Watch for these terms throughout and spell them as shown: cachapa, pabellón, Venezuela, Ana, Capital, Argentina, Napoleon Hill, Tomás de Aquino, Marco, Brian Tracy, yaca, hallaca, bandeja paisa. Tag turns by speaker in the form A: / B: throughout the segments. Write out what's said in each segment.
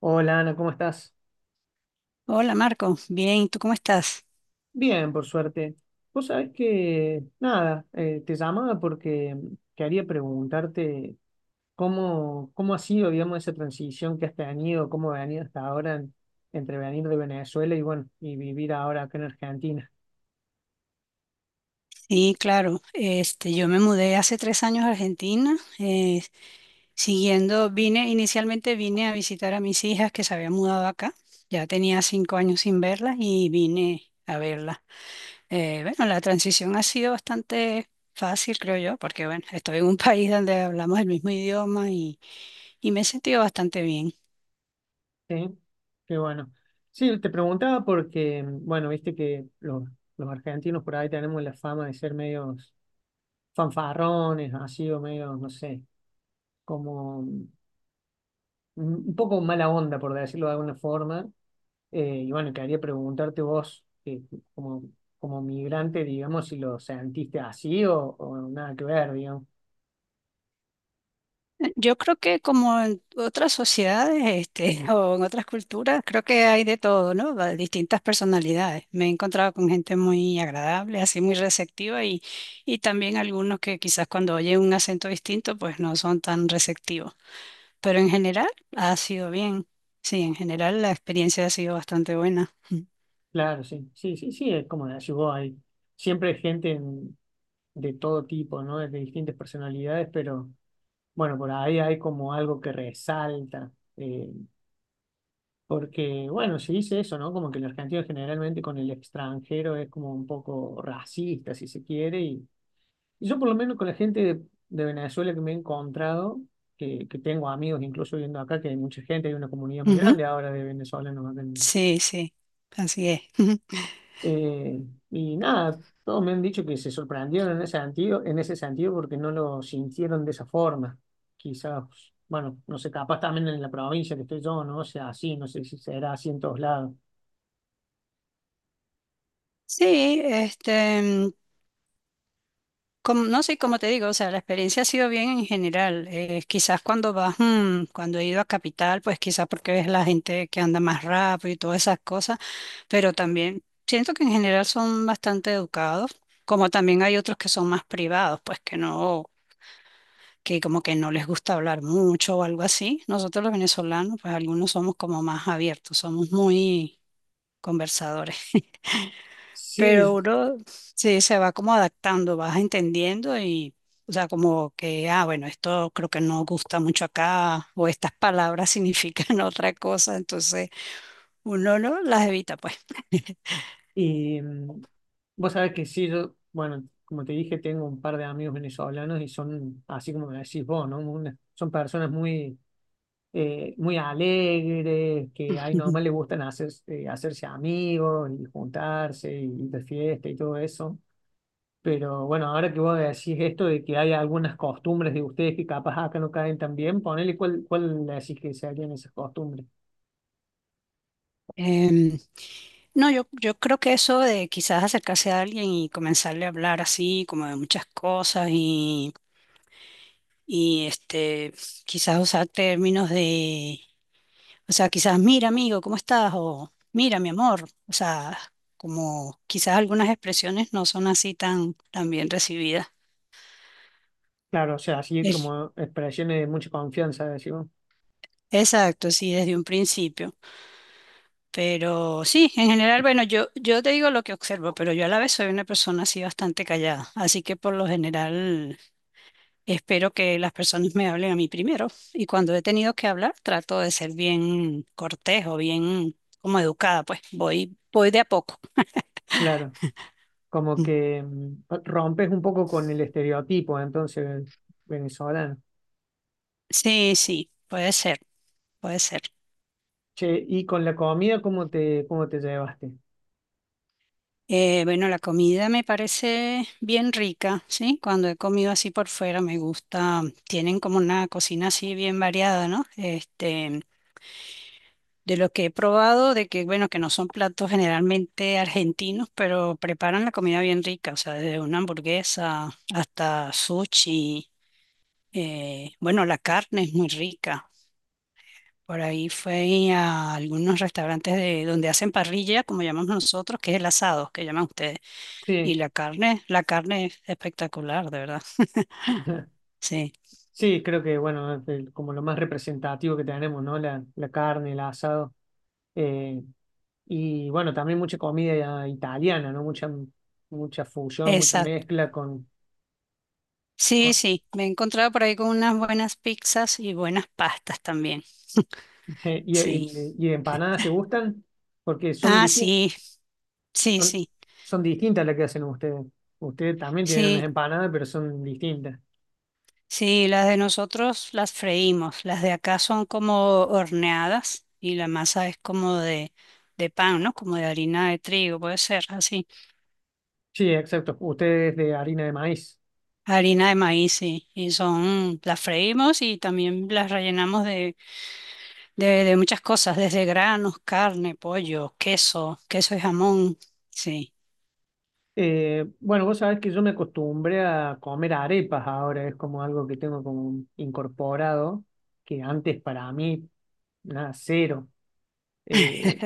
A: Hola Ana, ¿cómo estás?
B: Hola Marco, bien, ¿tú cómo estás?
A: Bien, por suerte. Vos sabés que, nada, te llamaba porque quería preguntarte cómo ha sido, digamos, esa transición que has tenido, cómo ha venido hasta ahora entre venir de Venezuela y, bueno, y vivir ahora acá en Argentina.
B: Sí, claro, yo me mudé hace 3 años a Argentina, inicialmente vine a visitar a mis hijas que se habían mudado acá, ya tenía 5 años sin verlas y vine a verlas. Bueno, la transición ha sido bastante fácil, creo yo, porque bueno, estoy en un país donde hablamos el mismo idioma y me he sentido bastante bien.
A: Sí, qué bueno. Sí, te preguntaba porque, bueno, viste que los argentinos por ahí tenemos la fama de ser medios fanfarrones, así o medios, no sé, como... mm, un poco mala onda, por decirlo de alguna forma. Y bueno, quería preguntarte vos, como, como migrante, digamos, si lo sentiste así o nada que ver, digamos.
B: Yo creo que como en otras sociedades, o en otras culturas, creo que hay de todo, ¿no? Distintas personalidades. Me he encontrado con gente muy agradable, así muy receptiva y también algunos que quizás cuando oyen un acento distinto, pues no son tan receptivos. Pero en general ha sido bien. Sí, en general la experiencia ha sido bastante buena.
A: Claro, sí, sí, sí, sí, es como decís vos, hay siempre hay gente de todo tipo, ¿no? De distintas personalidades, pero bueno, por ahí hay como algo que resalta. Eh, porque, bueno, se dice eso, ¿no? Como que el argentino generalmente con el extranjero es como un poco racista, si se quiere, y yo por lo menos con la gente de Venezuela que me he encontrado, que tengo amigos incluso viendo acá, que hay mucha gente, hay una comunidad muy
B: Ujú.
A: grande ahora de venezolanos acá
B: Sí, sí, así es.
A: eh, y nada, todos me han dicho que se sorprendieron en ese sentido porque no lo sintieron de esa forma. Quizás, bueno, no sé, capaz también en la provincia que estoy yo, no sé, así, no sé si será así en todos lados.
B: Sí, no sé, como te digo, o sea, la experiencia ha sido bien en general. Quizás cuando he ido a Capital, pues quizás porque ves la gente que anda más rápido y todas esas cosas, pero también siento que en general son bastante educados, como también hay otros que son más privados, pues que no, que como que no les gusta hablar mucho o algo así. Nosotros los venezolanos, pues algunos somos como más abiertos, somos muy conversadores. Pero
A: Sí,
B: uno sí se va como adaptando, vas entendiendo y, o sea, como que, ah, bueno, esto creo que no gusta mucho acá, o estas palabras significan otra cosa, entonces uno no las evita, pues.
A: y vos sabés que sí, yo, bueno, como te dije, tengo un par de amigos venezolanos y son, así como me decís vos, ¿no? Una- son personas muy, muy alegres, que ahí nomás
B: Ujú.
A: les gustan hacer, hacerse amigos y juntarse y ir de fiesta y todo eso. Pero bueno, ahora que vos decís esto de que hay algunas costumbres de ustedes que capaz acá no caen tan bien, ponele cuál, cuál le decís que serían esas costumbres.
B: Em, no, yo creo que eso de quizás acercarse a alguien y comenzarle a hablar así, como de muchas cosas y quizás usar términos de. O sea, quizás, mira, amigo, ¿cómo estás? O mira, mi amor. O sea, como quizás algunas expresiones no son así tan, tan bien recibidas.
A: Claro, o sea, así
B: Es-
A: como expresiones de mucha confianza, decimos.
B: Exacto, sí, desde un principio. Pero sí, en general, bueno, yo te digo lo que observo, pero yo a la vez soy una persona así bastante callada. Así que por lo general espero que las personas me hablen a mí primero. Y cuando he tenido que hablar, trato de ser bien cortés o bien como educada, pues voy de a poco.
A: Claro, como
B: Mm.
A: que rompes un poco con el estereotipo, entonces, venezolano.
B: Sí, sí, puede ser. Puede ser.
A: Che, y con la comida, cómo te llevaste?
B: Bueno, la comida me parece bien rica, ¿sí? Cuando he comido así por fuera me gusta. Tienen como una cocina así bien variada, ¿no? De lo que he probado, de que, bueno, que no son platos generalmente argentinos, pero preparan la comida bien rica, o sea, desde una hamburguesa hasta sushi. Bueno, la carne es muy rica. Por ahí fue a algunos restaurantes donde hacen parrilla, como llamamos nosotros, que es el asado, que llaman ustedes. Y
A: Sí,
B: la carne es espectacular, de verdad. Sí,
A: sí, creo que, bueno, es como lo más representativo que tenemos, ¿no? La carne, el asado. Eh, y bueno, también mucha comida italiana, ¿no? Mucha, mucha fusión, mucha
B: exacto.
A: mezcla con...
B: Sí,
A: con-
B: sí, me he encontrado por ahí con unas buenas pizzas y buenas pastas también.
A: y,
B: Sí.
A: y empanadas te gustan? Porque son
B: Ah,
A: distintas.
B: sí, sí,
A: Son,
B: sí,
A: son distintas las que hacen ustedes. Ustedes también tienen unas
B: sí,
A: empanadas, pero son distintas.
B: sí, las de nosotros las freímos, las de acá son como horneadas y la masa es como de pan, ¿no? Como de harina de trigo, puede ser así,
A: Sí, exacto. Ustedes de harina de maíz.
B: harina de maíz, sí, las freímos y también las rellenamos de muchas cosas, desde granos, carne, pollo, queso, queso y jamón. Sí,
A: Bueno, vos sabés que yo me acostumbré a comer arepas ahora, es como algo que tengo como incorporado, que antes para mí, nada, cero. Eh,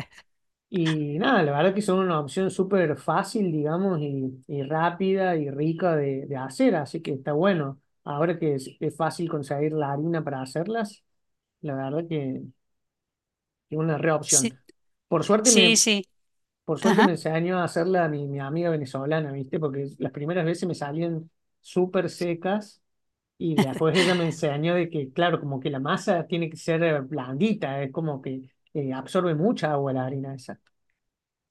A: y nada, la verdad que son una opción súper fácil, digamos, y rápida y rica de hacer, así que está bueno. Ahora que es fácil conseguir la harina para hacerlas, la verdad que es una re
B: sí,
A: opción. Por suerte
B: sí,
A: me,
B: sí,
A: por suerte me
B: ajá,
A: enseñó a hacerla mi, mi amiga venezolana, ¿viste? Porque las primeras veces me salían súper secas y después ella me enseñó de que, claro, como que la masa tiene que ser blandita, es como que absorbe mucha agua la harina esa.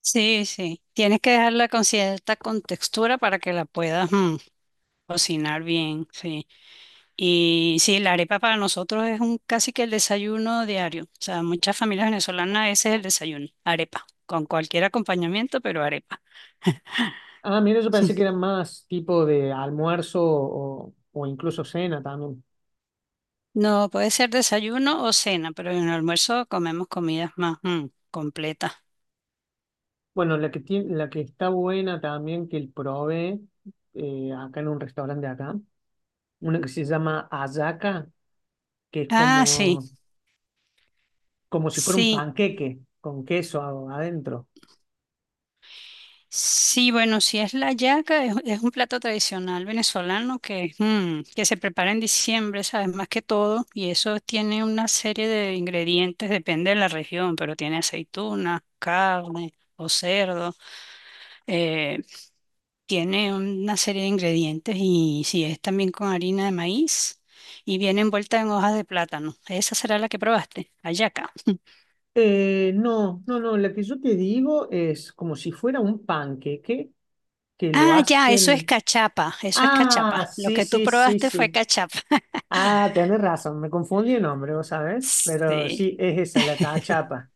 B: sí, sí. Tienes que dejarla con cierta contextura para que la puedas cocinar bien, sí. Y sí, la arepa para nosotros es un casi que el desayuno diario. O sea, muchas familias venezolanas ese es el desayuno, arepa, con cualquier acompañamiento, pero arepa.
A: Ah, mira, yo pensé que era más tipo de almuerzo o incluso cena también.
B: No, puede ser desayuno o cena, pero en el almuerzo comemos comidas más completas.
A: Bueno, la que tiene, la que está buena también que el probé acá en un restaurante de acá una que se llama hallaca, que es
B: Ah, sí.
A: como, como si fuera un
B: Sí,
A: panqueque con queso adentro.
B: sí, bueno, si es la yaca, es un plato tradicional venezolano que se prepara en diciembre, ¿sabes? Más que todo, y eso tiene una serie de ingredientes, depende de la región, pero tiene aceituna, carne o cerdo, eh, tiene una serie de ingredientes y si es también con harina de maíz. Y viene envuelta en hojas de plátano. Esa será la que probaste, la yaca.
A: No, no, no, la que yo te digo es como si fuera un panqueque que lo
B: Ah, ya, eso es
A: hacen.
B: cachapa, eso es
A: Ah,
B: cachapa. Lo
A: sí,
B: que tú
A: sí, sí,
B: probaste fue
A: sí.
B: cachapa.
A: Ah, tenés razón, me confundí el nombre, vos sabés, pero
B: Sí.
A: sí, es esa, la cachapa.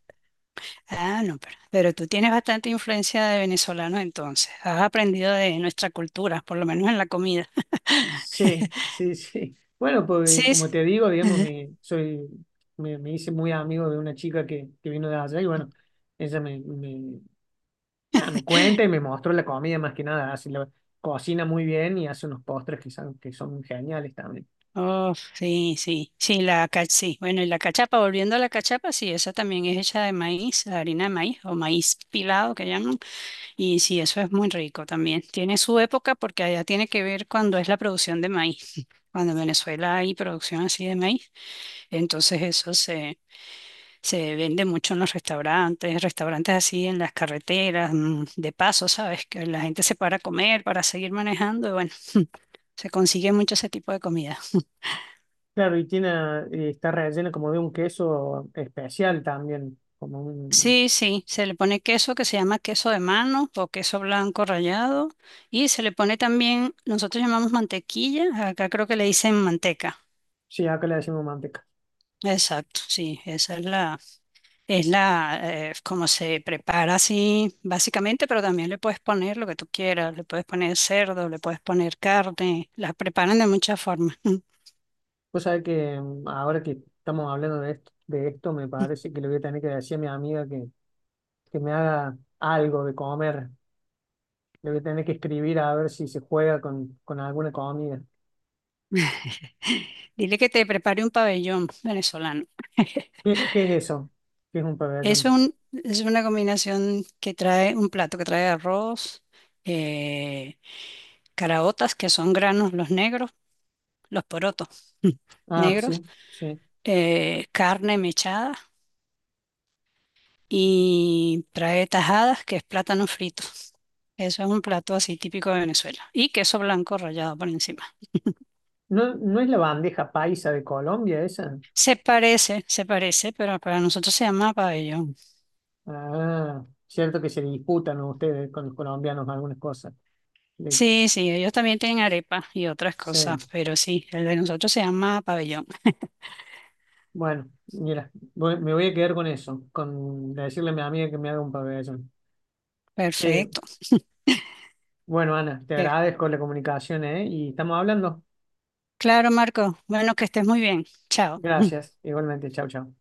B: Ah, no, pero tú tienes bastante influencia de venezolanos entonces. Has aprendido de nuestra cultura, por lo menos en la comida.
A: Sí, sí, sí. Bueno,
B: Sí,
A: pues como te digo, digamos, me, soy, me hice muy amigo de una chica que vino de allá y bueno, ella me, me, nada, me cuenta y me mostró la comida más que nada. Así la cocina muy bien y hace unos postres que son geniales también.
B: oh, sí, sí, sí, sí. Bueno, y la cachapa, volviendo a la cachapa, sí, esa también es hecha de maíz, harina de maíz o maíz pilado que llaman. Y sí, eso es muy rico también. Tiene su época porque allá tiene que ver cuando es la producción de maíz. Cuando en Venezuela hay producción así de maíz, entonces eso se vende mucho en los restaurantes, restaurantes así en las carreteras, de paso, ¿sabes? Que la gente se para a comer, para seguir manejando, y bueno, se consigue mucho ese tipo de comida.
A: Claro, y tiene, está rellena como de un queso especial también, como un...
B: Sí, sí, se le pone queso que se llama queso de mano o queso blanco rallado, y se le pone también, nosotros llamamos mantequilla, acá creo que le dicen manteca.
A: Sí, acá le decimos manteca.
B: Exacto, sí, esa es la. Es la, como se prepara así, básicamente, pero también le puedes poner lo que tú quieras, le puedes poner cerdo, le puedes poner carne, la preparan de muchas formas.
A: Pues sabés que ahora que estamos hablando de esto, me parece que le voy a tener que decir a mi amiga que me haga algo de comer. Le voy a tener que escribir a ver si se juega con alguna comida.
B: Dile que te prepare un pabellón venezolano.
A: ¿Qué, qué es eso? ¿Qué es un
B: Es
A: pabellón?
B: un, es una combinación que trae un plato que trae arroz, eh, caraotas, que son granos los negros, los porotos
A: Ah,
B: negros,
A: sí, sí.
B: carne mechada y trae tajadas, que es plátano frito. Eso es un plato así típico de Venezuela. Y queso blanco rallado por encima.
A: ¿No, no es la bandeja paisa de Colombia esa?
B: Se parece, pero para nosotros se llama pabellón.
A: Ah, cierto que se disputan ustedes con los colombianos algunas cosas. Le-
B: Sí, sí, ellos también tienen arepa y otras
A: sí.
B: cosas, pero sí, el de nosotros se llama pabellón.
A: Bueno, mira, me voy a quedar con eso, con decirle a mi amiga que me haga un pabellón. Che,
B: Perfecto.
A: bueno, Ana, te
B: Eh,
A: agradezco la comunicación, ¿eh? Y estamos hablando.
B: Claro, Marco. Bueno, que estés muy bien. Chao.
A: Gracias, igualmente. Chau, chau.